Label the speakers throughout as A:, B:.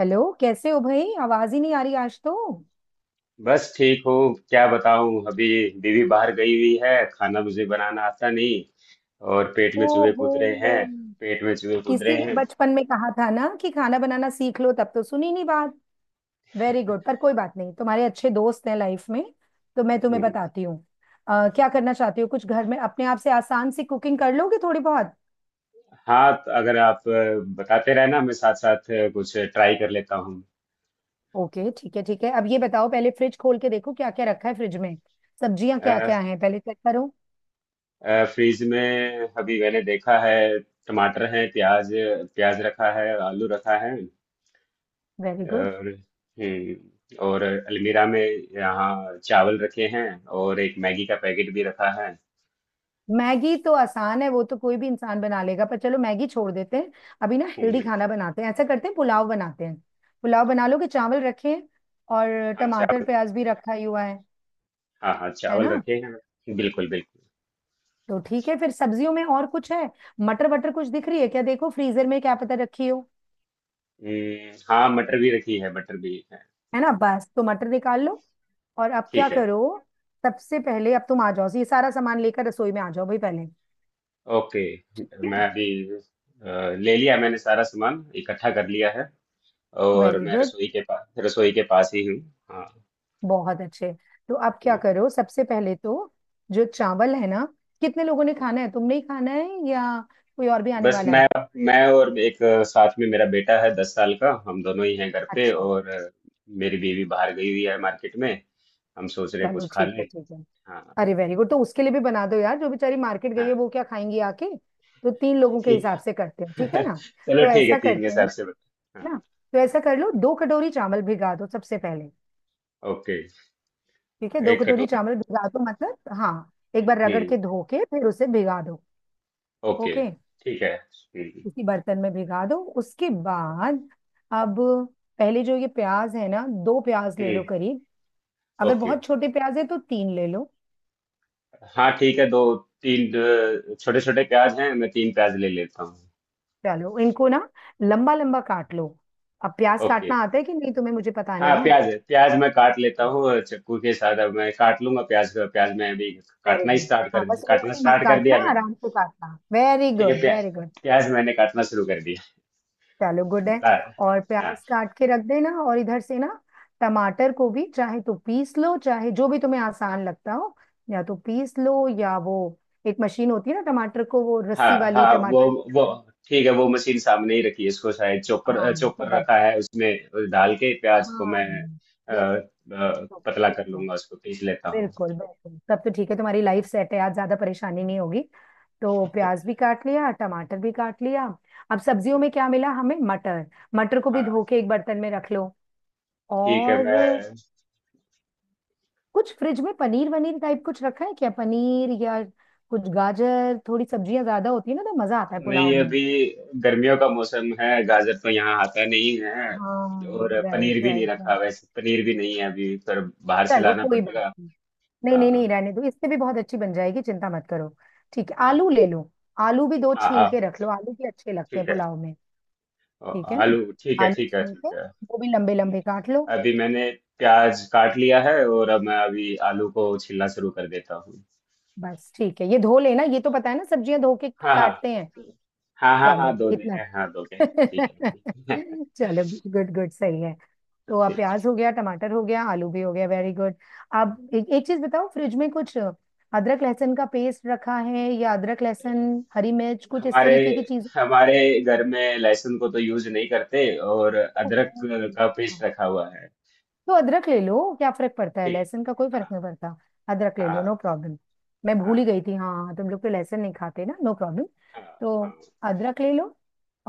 A: Hello, कैसे हो भाई? आवाज ही नहीं आ रही आज तो।
B: बस ठीक हूँ। क्या बताऊँ अभी। बीवी बाहर गई हुई है। खाना मुझे बनाना आता नहीं। और पेट में चूहे
A: ओहो।
B: कूद रहे हैं। पेट में चूहे कूद रहे
A: इसीलिए
B: हैं।
A: बचपन में कहा था ना कि खाना बनाना सीख लो, तब तो सुनी नहीं बात। वेरी गुड, पर कोई बात नहीं, तुम्हारे अच्छे दोस्त हैं लाइफ में, तो मैं तुम्हें
B: हम्म।
A: बताती हूँ। क्या करना चाहती हो, कुछ घर में अपने आप से आसान सी कुकिंग कर लोगे थोड़ी बहुत?
B: हाँ तो अगर आप बताते रहे ना, मैं साथ साथ कुछ ट्राई कर लेता हूँ।
A: ओके, ठीक है ठीक है, अब ये बताओ, पहले फ्रिज खोल के देखो क्या क्या रखा है फ्रिज में। सब्जियां क्या
B: अ,
A: क्या हैं पहले चेक करो।
B: फ्रिज में, अभी मैंने देखा है। टमाटर है। प्याज प्याज रखा है। आलू रखा है।
A: Very good.
B: और हम्म और अलमीरा में, यहाँ चावल रखे हैं। और एक मैगी का पैकेट भी रखा है।
A: मैगी तो आसान है, वो तो कोई भी इंसान बना लेगा, पर चलो मैगी छोड़ देते हैं। अभी ना हेल्दी
B: हम्म।
A: खाना बनाते हैं, ऐसा करते हैं पुलाव बनाते हैं। पुलाव बना लो, कि चावल रखे हैं और
B: हाँ,
A: टमाटर प्याज भी रखा ही हुआ है।
B: हाँ, हाँ,
A: है
B: चावल
A: ना?
B: रखे हैं ना। बिल्कुल बिल्कुल।
A: तो ठीक है, फिर सब्जियों में और कुछ है? मटर वटर कुछ दिख रही है क्या, देखो फ्रीजर में क्या पता रखी हो।
B: हाँ, मटर भी रखी है। मटर भी है।
A: है ना, बस तो मटर निकाल लो। और अब क्या
B: ठीक है।
A: करो, सबसे पहले अब तुम आ जाओ, ये सारा सामान लेकर रसोई में आ जाओ भाई पहले।
B: ओके,
A: ठीक है।
B: मैं अभी अ, ले लिया। मैंने सारा सामान इकट्ठा कर लिया है। और
A: वेरी
B: मैं
A: गुड,
B: रसोई के पास, रसोई के पास ही हूँ। हाँ।
A: बहुत अच्छे। तो आप क्या
B: हम्म,
A: करो सबसे पहले तो, जो चावल है ना, कितने लोगों ने खाना है, तुमने ही खाना है या कोई और भी आने
B: बस
A: वाला
B: मैं
A: है?
B: मैं और एक साथ में मेरा बेटा है 10 साल का। हम दोनों ही हैं घर पे,
A: अच्छा,
B: और मेरी बीवी बाहर गई हुई है मार्केट में। हम सोच रहे हैं
A: चलो
B: कुछ खा
A: ठीक
B: लें।
A: है ठीक है।
B: हाँ,
A: अरे वेरी गुड, तो उसके लिए भी बना दो यार, जो बेचारी मार्केट गई है
B: हाँ
A: वो क्या खाएंगी आके, तो तीन लोगों के
B: ठीक।
A: हिसाब से करते हैं, ठीक है ना?
B: चलो
A: तो
B: ठीक है,
A: ऐसा
B: तीन के
A: करते
B: हिसाब
A: हैं
B: से बता।
A: ना,
B: हाँ।
A: तो ऐसा कर लो, 2 कटोरी चावल भिगा दो सबसे पहले।
B: ओके।
A: ठीक है, दो
B: एक
A: कटोरी
B: कटोरी।
A: चावल भिगा दो, मतलब हाँ, एक बार रगड़
B: हम्म।
A: के धो के फिर उसे भिगा दो।
B: ओके
A: ओके,
B: ठीक है। हम्म,
A: किसी बर्तन में भिगा दो। उसके बाद अब, पहले जो ये प्याज है ना, दो प्याज ले लो
B: हम्म,
A: करीब। अगर
B: ओके।
A: बहुत छोटे प्याज है तो तीन ले लो।
B: हाँ ठीक है। दो, तीन, छोटे छोटे प्याज हैं, मैं तीन प्याज ले लेता हूँ।
A: चलो इनको ना लंबा लंबा काट लो। अब प्याज
B: ओके।
A: काटना आता है कि नहीं तुम्हें, मुझे पता
B: हाँ,
A: नहीं है।
B: प्याज है। प्याज मैं काट लेता हूँ चाकू के साथ। अब मैं काट लूंगा प्याज को। प्याज मैं अभी
A: वेरी गुड। हाँ बस
B: काटना
A: उंगली मत
B: स्टार्ट कर
A: काटना,
B: दिया मैंने।
A: आराम से काटना, वेरी
B: ठीक है।
A: गुड
B: प्याज
A: वेरी गुड।
B: प्याज मैंने काटना शुरू कर दिया।
A: चलो, गुड है।
B: बता।
A: और
B: हाँ,
A: प्याज काट के रख देना, और इधर से ना टमाटर को भी चाहे तो पीस लो, चाहे जो भी तुम्हें आसान लगता हो, या तो पीस लो या वो एक मशीन होती है ना टमाटर को, वो रस्सी
B: हाँ,
A: वाली
B: हाँ, वो,
A: टमाटर।
B: वो ठीक है, वो मशीन सामने ही रखी है। इसको शायद चॉपर,
A: हाँ तो
B: चॉपर
A: बस,
B: रखा है। उसमें डाल के प्याज को
A: हाँ,
B: मैं
A: यस, तो
B: पतला
A: ठीक
B: कर
A: है,
B: लूंगा, उसको पीस लेता हूँ।
A: बिल्कुल बिल्कुल, तब तो ठीक है, तुम्हारी लाइफ सेट है आज, ज्यादा परेशानी नहीं होगी। तो प्याज भी काट लिया, टमाटर भी काट लिया, अब सब्जियों में क्या मिला हमें, मटर। मटर को भी
B: हाँ,
A: धो के एक बर्तन में रख लो।
B: ठीक है
A: और
B: मैं।
A: कुछ फ्रिज में पनीर वनीर टाइप कुछ रखा है क्या, पनीर या कुछ गाजर, थोड़ी सब्जियां ज्यादा होती है ना तो मजा आता है पुलाव
B: नहीं,
A: में।
B: अभी गर्मियों का मौसम है, गाजर तो यहाँ आता नहीं है। और
A: हाँ
B: पनीर
A: राइट
B: भी नहीं
A: राइट
B: रखा
A: राइट।
B: वैसे। पनीर भी नहीं है अभी, पर बाहर से
A: चलो
B: लाना
A: कोई बात
B: पड़ेगा।
A: नहीं, नहीं नहीं नहीं,
B: हाँ।
A: रहने दो, इससे भी बहुत अच्छी बन जाएगी, चिंता मत करो। ठीक है,
B: हम्म,
A: आलू ले लो। आलू भी दो
B: हाँ,
A: छील के
B: हाँ,
A: रख लो, आलू भी अच्छे लगते हैं
B: ठीक है।
A: पुलाव में।
B: और
A: ठीक है ना,
B: आलू ठीक है,
A: आलू
B: ठीक है,
A: छील के
B: ठीक है।
A: वो भी लंबे लंबे काट लो।
B: अभी मैंने प्याज काट लिया है, और अब मैं अभी आलू को छिलना शुरू कर देता हूँ।
A: बस ठीक है, ये धो लेना, ये तो पता है ना, सब्जियां धो के
B: हाँ, हाँ,
A: काटते हैं।
B: हाँ, हाँ,
A: चलो
B: हाँ, दो दे।
A: इतना
B: हाँ, दो के ठीक है, ठीक है।
A: चलो, गुड गुड सही है। तो अब प्याज
B: ठीक।
A: हो गया, टमाटर हो गया, आलू भी हो गया, वेरी गुड। अब एक एक चीज बताओ, फ्रिज में कुछ अदरक लहसुन का पेस्ट रखा है या अदरक लहसुन हरी मिर्च कुछ इस
B: हमारे
A: तरीके की चीज?
B: हमारे घर में लहसुन को तो यूज नहीं करते। और
A: ओहो।
B: अदरक का पेस्ट रखा हुआ है।
A: तो अदरक ले लो, क्या फर्क पड़ता है,
B: ठीक।
A: लहसुन का कोई फर्क
B: हाँ,
A: नहीं पड़ता। अदरक ले लो,
B: हाँ,
A: नो प्रॉब्लम। मैं भूल ही
B: हाँ,
A: गई थी, हाँ हाँ, तुम लोग तो लहसुन नहीं खाते ना, नो प्रॉब्लम।
B: हाँ, हाँ,
A: तो अदरक ले लो।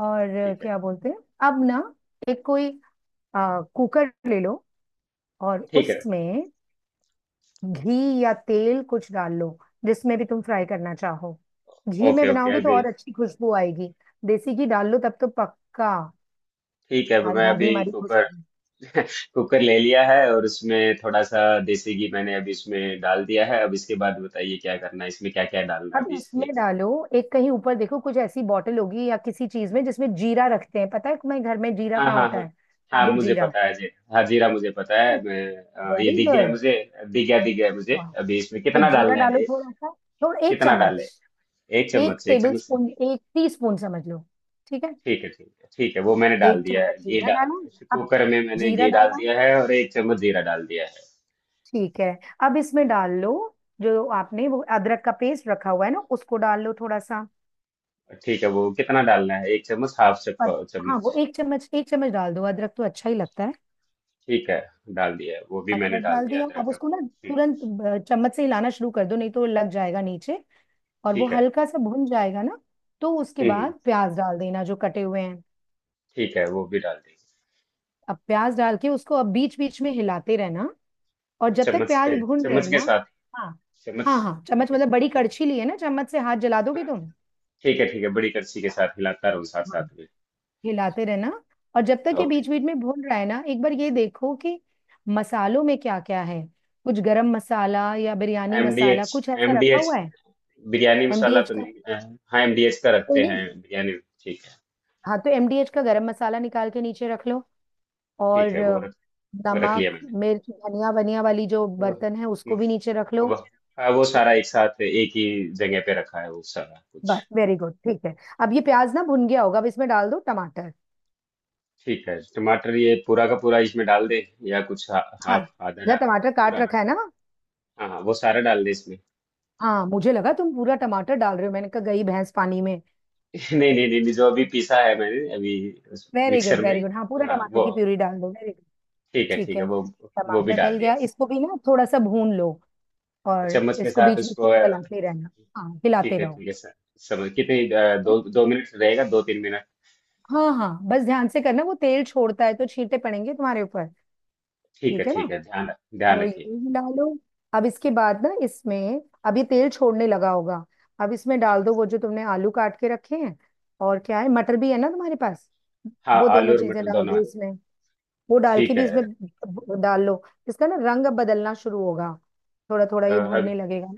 A: और
B: ठीक है,
A: क्या बोलते हैं, अब ना एक कोई कुकर ले लो, और
B: ठीक है।
A: उसमें घी या तेल कुछ डाल लो, जिसमें भी तुम फ्राई करना चाहो। घी में
B: ओके, ओके
A: बनाओगे तो
B: अभी।
A: और अच्छी खुशबू आएगी, देसी घी डाल लो तब तो पक्का।
B: ठीक है,
A: आज
B: मैं
A: भाभी
B: अभी
A: हमारी खुश
B: कुकर।
A: होगी।
B: कुकर ले लिया है, और उसमें थोड़ा सा देसी घी मैंने अभी इसमें डाल दिया है। अब इसके बाद बताइए क्या करना है, इसमें क्या क्या डालना है
A: अब
B: अभी इसके।
A: इसमें डालो, एक कहीं ऊपर देखो, कुछ ऐसी बॉटल होगी या किसी चीज में जिसमें जीरा रखते हैं, पता है तुम्हें घर में जीरा
B: हाँ,
A: कहाँ
B: हाँ,
A: होता
B: हाँ,
A: है,
B: हाँ
A: साबुत
B: मुझे
A: जीरा?
B: पता है जी। हाँ, जीरा मुझे पता है मैं। ये
A: वेरी
B: दिख गया
A: गुड।
B: मुझे। दिख गया, दिख गया मुझे।
A: वाह,
B: अभी इसमें
A: तो
B: कितना
A: जीरा
B: डालना है?
A: डालो थोड़ा सा, थोड़ा एक
B: कितना डालें,
A: चम्मच
B: एक
A: एक
B: चम्मच से? एक
A: टेबल
B: चम्मच से।
A: स्पून 1 टी स्पून समझ लो, ठीक है।
B: ठीक है, ठीक है, ठीक है, वो मैंने डाल
A: एक
B: दिया है।
A: चम्मच
B: घी
A: जीरा डालो।
B: डाल,
A: अब
B: कुकर में मैंने
A: जीरा
B: घी डाल
A: डाला,
B: दिया है और एक चम्मच जीरा डाल दिया है।
A: ठीक है। अब इसमें डाल लो जो आपने वो अदरक का पेस्ट रखा हुआ है ना, उसको डाल लो थोड़ा सा।
B: ठीक है, वो कितना डालना है? एक चम्मच, हाफ
A: और हाँ, वो
B: चम्मच।
A: 1 चम्मच, 1 चम्मच डाल दो, अदरक तो अच्छा ही लगता है।
B: ठीक है, डाल दिया है, वो भी मैंने
A: अदरक
B: डाल
A: डाल
B: दिया
A: दिया,
B: अदरक
A: अब
B: का।
A: उसको ना
B: हम्म।
A: तुरंत चम्मच से हिलाना शुरू कर दो, नहीं तो लग जाएगा नीचे। और वो
B: ठीक है।
A: हल्का सा भुन जाएगा ना, तो उसके
B: हम्म,
A: बाद प्याज डाल देना जो कटे हुए हैं।
B: ठीक है, वो भी डाल दिया।
A: अब प्याज डाल के उसको अब बीच बीच में हिलाते रहना, और जब तक
B: चम्मच
A: प्याज
B: के
A: भुन रहे
B: चम्मच
A: ना।
B: के साथ,
A: हाँ
B: चम्मच।
A: हाँ, हाँ चम्मच
B: ठीक है,
A: मतलब बड़ी
B: ठीक,
A: कड़छी ली है ना, चम्मच से हाथ जला दोगे
B: हाँ,
A: तुम।
B: ठीक है, ठीक है, बड़ी करछी के साथ हिलाता रहूँ, साथ
A: हाँ
B: साथ में।
A: हिलाते रहना, और जब तक ये
B: ओके।
A: बीच बीच में भून रहा है ना, एक बार ये देखो कि मसालों में क्या क्या है, कुछ गरम मसाला या बिरयानी मसाला
B: एमडीएच
A: कुछ ऐसा रखा
B: एमडीएच
A: हुआ है?
B: बिरयानी मसाला
A: एमडीएच
B: तो
A: का?
B: नहीं। हाँ, एमडीएच का
A: कोई
B: रखते
A: नहीं।
B: हैं बिरयानी। ठीक है,
A: हाँ तो एमडीएच का गरम मसाला निकाल के नीचे रख लो। और
B: ठीक है वो रख लिया
A: नमक,
B: मैंने।
A: मिर्च धनिया वनिया वाली जो
B: वो,
A: बर्तन है उसको भी नीचे रख लो।
B: वो, हाँ, वो सारा एक साथ एक ही जगह पे रखा है, वो सारा कुछ।
A: बस वेरी गुड, ठीक है। अब ये प्याज ना भुन गया होगा, अब इसमें डाल दो टमाटर।
B: ठीक है, टमाटर ये पूरा का पूरा इसमें डाल दे, या कुछ
A: हाँ,
B: हाफ आधा
A: जरा
B: डाल?
A: टमाटर काट
B: पूरा। हाँ,
A: रखा है ना,
B: हाँ, वो सारा डाल दे इसमें।
A: हाँ, मुझे लगा तुम पूरा टमाटर डाल रहे हो, मैंने कहा गई भैंस पानी में।
B: नहीं, नहीं, नहीं, नहीं, जो अभी पीसा है मैंने अभी, उस
A: वेरी गुड
B: मिक्सर में।
A: वेरी गुड, हाँ पूरा
B: हाँ,
A: टमाटर
B: वो
A: की प्यूरी डाल दो, वेरी गुड।
B: ठीक है,
A: ठीक
B: ठीक है।
A: है,
B: वो भी
A: टमाटर
B: डाल
A: डल
B: दिया।
A: गया, इसको भी ना थोड़ा सा भून लो।
B: अच्छा,
A: और
B: चम्मच के
A: इसको
B: साथ
A: बीच बीच
B: उसको
A: में चलाते रहना, हाँ हिलाते
B: ठीक है,
A: रहो।
B: ठीक है सर। समझ, कितने
A: है ना?
B: दो दो मिनट रहेगा, दो तीन मिनट?
A: हाँ हाँ, बस ध्यान से करना, वो तेल छोड़ता है तो छींटे पड़ेंगे तुम्हारे ऊपर,
B: ठीक है,
A: ठीक है ना।
B: ठीक है ध्यान।
A: तो ये
B: रखिए।
A: हिला लो। अब इसके बाद ना इसमें, अब ये तेल छोड़ने लगा होगा, अब इसमें
B: हाँ,
A: डाल दो वो जो तुमने आलू काट के रखे हैं, और क्या है, मटर भी है ना तुम्हारे पास,
B: हाँ,
A: वो
B: आलू
A: दोनों
B: और
A: चीजें
B: मटर
A: डाल
B: दोनों
A: दो
B: है।
A: इसमें। वो डाल के
B: ठीक
A: भी
B: है।
A: इसमें डाल लो। इसका ना रंग अब बदलना शुरू होगा, थोड़ा थोड़ा ये
B: अ,
A: भुनने लगेगा।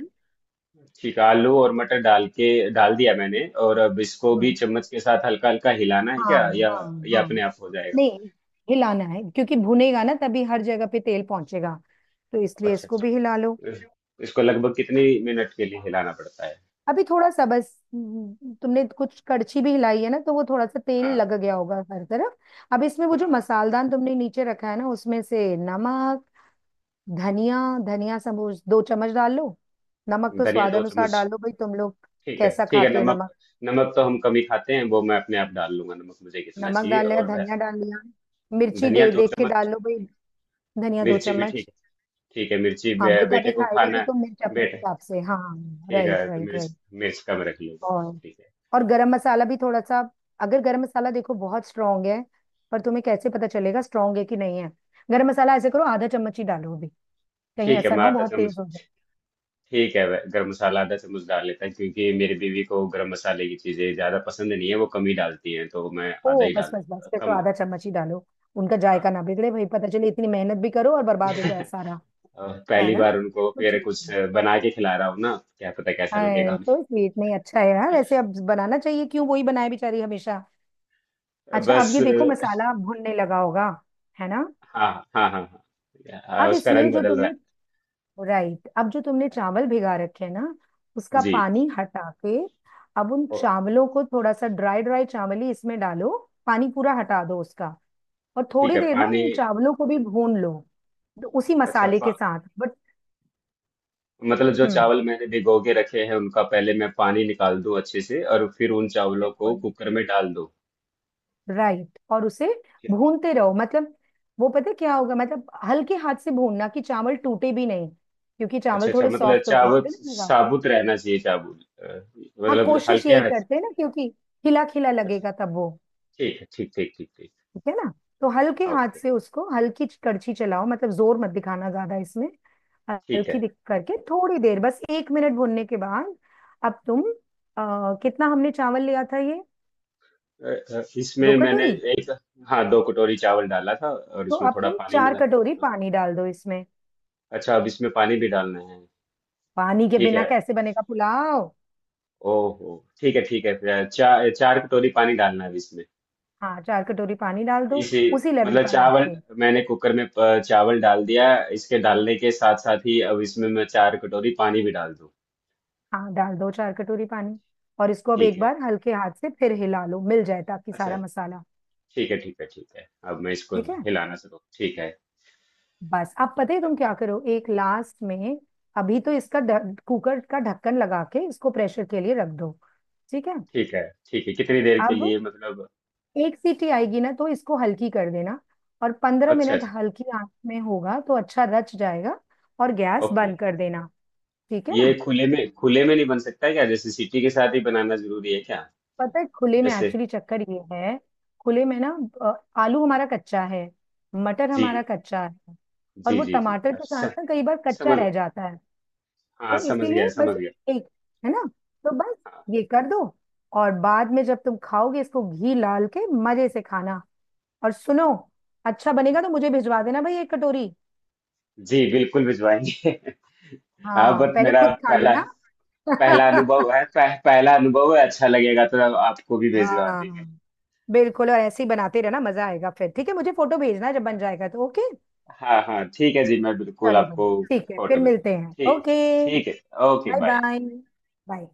B: ठीक है, आलू और मटर डाल के डाल दिया मैंने, और अब इसको
A: ना
B: भी चम्मच के साथ हल्का हल्का हिलाना है
A: हाँ
B: क्या,
A: हाँ हाँ
B: या अपने
A: हाँ,
B: आप हो जाएगा?
A: नहीं हिलाना है, क्योंकि भुनेगा ना तभी हर जगह पे तेल पहुंचेगा, तो इसलिए
B: अच्छा,
A: इसको भी हिला लो।
B: अच्छा। इस- इसको लगभग कितनी मिनट के लिए हिलाना पड़ता है?
A: अभी थोड़ा सा बस, तुमने कुछ कड़छी भी हिलाई है ना, तो वो थोड़ा सा तेल
B: हाँ,
A: लग गया होगा हर तरफ। अब इसमें वो
B: हाँ,
A: जो
B: हाँ,
A: मसालदान तुमने नीचे रखा है ना, उसमें से नमक, धनिया, धनिया समूच 2 चम्मच डाल लो। नमक तो
B: धनिया
A: स्वाद
B: दो
A: अनुसार
B: चम्मच।
A: डाल लो भाई, तुम लोग
B: ठीक है,
A: कैसा
B: ठीक है।
A: खाते हो।
B: नमक। नमक तो हम कम ही खाते हैं, वो मैं अपने आप डाल लूंगा। नमक मुझे कितना
A: नमक
B: चाहिए,
A: डाल लिया,
B: और
A: धनिया डाल लिया, मिर्ची
B: धनिया
A: दे
B: दो
A: देख के डाल
B: चम्मच,
A: लो भाई। धनिया दो
B: मिर्ची भी ठीक
A: चम्मच
B: है, ठीक है। मिर्ची,
A: हाँ बेटा
B: बेटे
A: भी
B: को
A: खाएगा
B: खाना
A: तो
B: है।
A: तुम मिर्च अपने
B: बेटे।
A: हिसाब से हाँ।
B: ठीक
A: राइट
B: है तो
A: राइट
B: मिर्च,
A: राइट,
B: मिर्च कम रख लीजिए।
A: और
B: ठीक है,
A: गरम मसाला भी थोड़ा सा। अगर गरम मसाला देखो बहुत स्ट्रांग है, पर तुम्हें कैसे पता चलेगा स्ट्रांग है कि नहीं है। गरम मसाला ऐसे करो, आधा चम्मच ही डालो अभी, कहीं
B: ठीक है,
A: ऐसा ना
B: मैं
A: हो
B: आधा
A: बहुत तेज
B: चम्मच।
A: हो जाए।
B: ठीक है, गरम मसाला आधा चम्मच डाल लेता है, क्योंकि मेरी बीवी को गरम मसाले की चीजें ज्यादा पसंद नहीं है, वो कम ही डालती हैं, तो मैं आधा
A: ओ
B: ही
A: बस
B: डाल
A: बस बस,
B: देता हूँ,
A: फिर तो
B: कम।
A: आधा चम्मच ही डालो, उनका
B: हाँ।
A: जायका ना बिगड़े भाई, पता चले इतनी मेहनत भी करो और बर्बाद हो जाए सारा।
B: और
A: है
B: पहली
A: ना,
B: बार उनको
A: तो
B: फिर
A: ठीक
B: कुछ
A: है।
B: बना के खिला रहा हूँ ना, क्या पता कैसा
A: हाय
B: लगेगा।
A: तो स्वीट, नहीं अच्छा है यार ऐसे, अब बनाना चाहिए, क्यों वही बनाए बेचारी हमेशा। अच्छा अब
B: बस।
A: ये देखो मसाला भुनने लगा होगा, है ना।
B: हाँ, हाँ, हाँ, हाँ, हाँ,
A: अब
B: उसका
A: इसमें
B: रंग
A: जो
B: बदल रहा
A: तुमने,
B: है।
A: राइट, अब जो तुमने
B: हाँ,
A: चावल भिगा रखे हैं ना, उसका
B: जी।
A: पानी हटा के अब उन
B: ओ,
A: चावलों को थोड़ा सा, ड्राई ड्राई चावल ही इसमें डालो। पानी पूरा हटा दो उसका। और
B: ठीक
A: थोड़ी
B: है
A: देर ना
B: पानी।
A: इन चावलों को भी भून लो, तो उसी
B: अच्छा,
A: मसाले के साथ, बट,
B: मतलब जो
A: हम्म
B: चावल मैंने भिगो के रखे हैं, उनका पहले मैं पानी निकाल दूं अच्छे से, और फिर उन चावलों को
A: बिल्कुल।
B: कुकर में डाल दूं।
A: राइट, और उसे भूनते रहो, मतलब वो पता है क्या होगा, मतलब हल्के हाथ से भूनना कि चावल टूटे भी नहीं, क्योंकि
B: अच्छा,
A: चावल
B: अच्छा,
A: थोड़े
B: मतलब
A: सॉफ्ट हो गए होंगे
B: चाबुत
A: ना भीगा।
B: साबुत रहना चाहिए,
A: हाँ
B: मतलब
A: कोशिश
B: हल्के
A: यही
B: हाथ।
A: करते हैं ना, क्योंकि खिला खिला
B: अच्छा,
A: लगेगा तब वो,
B: ठीक है, ठीक, ठीक, ठीक, ठीक।
A: ठीक है ना। तो हल्के हाथ
B: ओके।
A: से उसको, हल्की कड़छी चलाओ, मतलब जोर मत दिखाना ज्यादा इसमें।
B: ठीक
A: हल्की
B: है।
A: दिख करके थोड़ी देर बस 1 मिनट भूनने के बाद। अब तुम कितना हमने चावल लिया था ये, दो
B: इसमें मैंने
A: कटोरी
B: एक, हाँ, दो कटोरी चावल डाला था, और
A: तो
B: उसमें
A: अब
B: थोड़ा
A: तुम
B: पानी
A: चार
B: मिला।
A: कटोरी
B: हाँ,
A: पानी डाल दो इसमें।
B: अच्छा, अब इसमें पानी भी डालना है?
A: पानी के
B: ठीक
A: बिना
B: है।
A: कैसे बनेगा पुलाव।
B: ओहो। ठीक है, ठीक है, फिर चार चार कटोरी पानी डालना है अब इसमें,
A: हाँ 4 कटोरी पानी डाल दो,
B: इसी।
A: उसी लेवल
B: मतलब
A: का नाप
B: चावल
A: पे।
B: मैंने कुकर में चावल डाल दिया। इसके डालने के साथ साथ ही अब इसमें मैं चार कटोरी पानी भी डाल दूं।
A: हाँ डाल दो 4 कटोरी पानी, और इसको अब
B: ठीक
A: एक
B: है।
A: बार हल्के हाथ से फिर हिला लो मिल जाए ताकि
B: अच्छा,
A: सारा मसाला।
B: ठीक है, ठीक है, ठीक है, अब मैं इसको
A: ठीक है,
B: हिलाना शुरू। ठीक है।
A: बस, अब पता है तुम क्या करो एक लास्ट में, अभी तो इसका कुकर का ढक्कन लगा के इसको प्रेशर के लिए रख दो, ठीक है।
B: ठीक है, ठीक है, कितनी देर के
A: अब
B: लिए मतलब?
A: एक सीटी आएगी ना, तो इसको हल्की कर देना, और पंद्रह
B: अच्छा,
A: मिनट
B: अच्छा।
A: हल्की आंच में होगा तो अच्छा रच जाएगा, और गैस
B: ओके।
A: बंद कर देना, ठीक है
B: ये
A: ना।
B: खुले में नहीं बन सकता क्या, जैसे सिटी के साथ ही बनाना जरूरी है क्या,
A: पता है खुले में
B: जैसे?
A: एक्चुअली चक्कर ये है, खुले में ना आलू हमारा कच्चा है, मटर हमारा
B: जी,
A: कच्चा है, और
B: जी,
A: वो
B: जी, जी,
A: टमाटर के साथ
B: अच्छा
A: ना कई बार कच्चा
B: समझ।
A: रह जाता है,
B: हाँ
A: तो
B: समझ गया,
A: इसीलिए बस
B: समझ गया।
A: एक, है ना, तो बस
B: हाँ।
A: ये कर दो। और बाद में जब तुम खाओगे इसको घी लाल के मजे से खाना। और सुनो, अच्छा बनेगा तो मुझे भिजवा देना भाई 1 कटोरी।
B: जी बिल्कुल भिजवाएंगे। हाँ
A: हाँ
B: बट
A: पहले
B: मेरा
A: खुद खा
B: पहला,
A: लेना।
B: पहला अनुभव है, अच्छा लगेगा तो आपको भी भिजवा देंगे।
A: हाँ बिल्कुल, और ऐसे ही बनाते रहना मजा आएगा फिर, ठीक है, मुझे फोटो भेजना जब बन जाएगा तो, ओके।
B: हाँ, हाँ, ठीक है जी, मैं बिल्कुल
A: चलो भाई,
B: आपको
A: ठीक है फिर
B: फोटो भिजवा।
A: मिलते हैं,
B: ठीक,
A: ओके।
B: ठीक है। Okay,
A: bye
B: bye.
A: Bye, bye.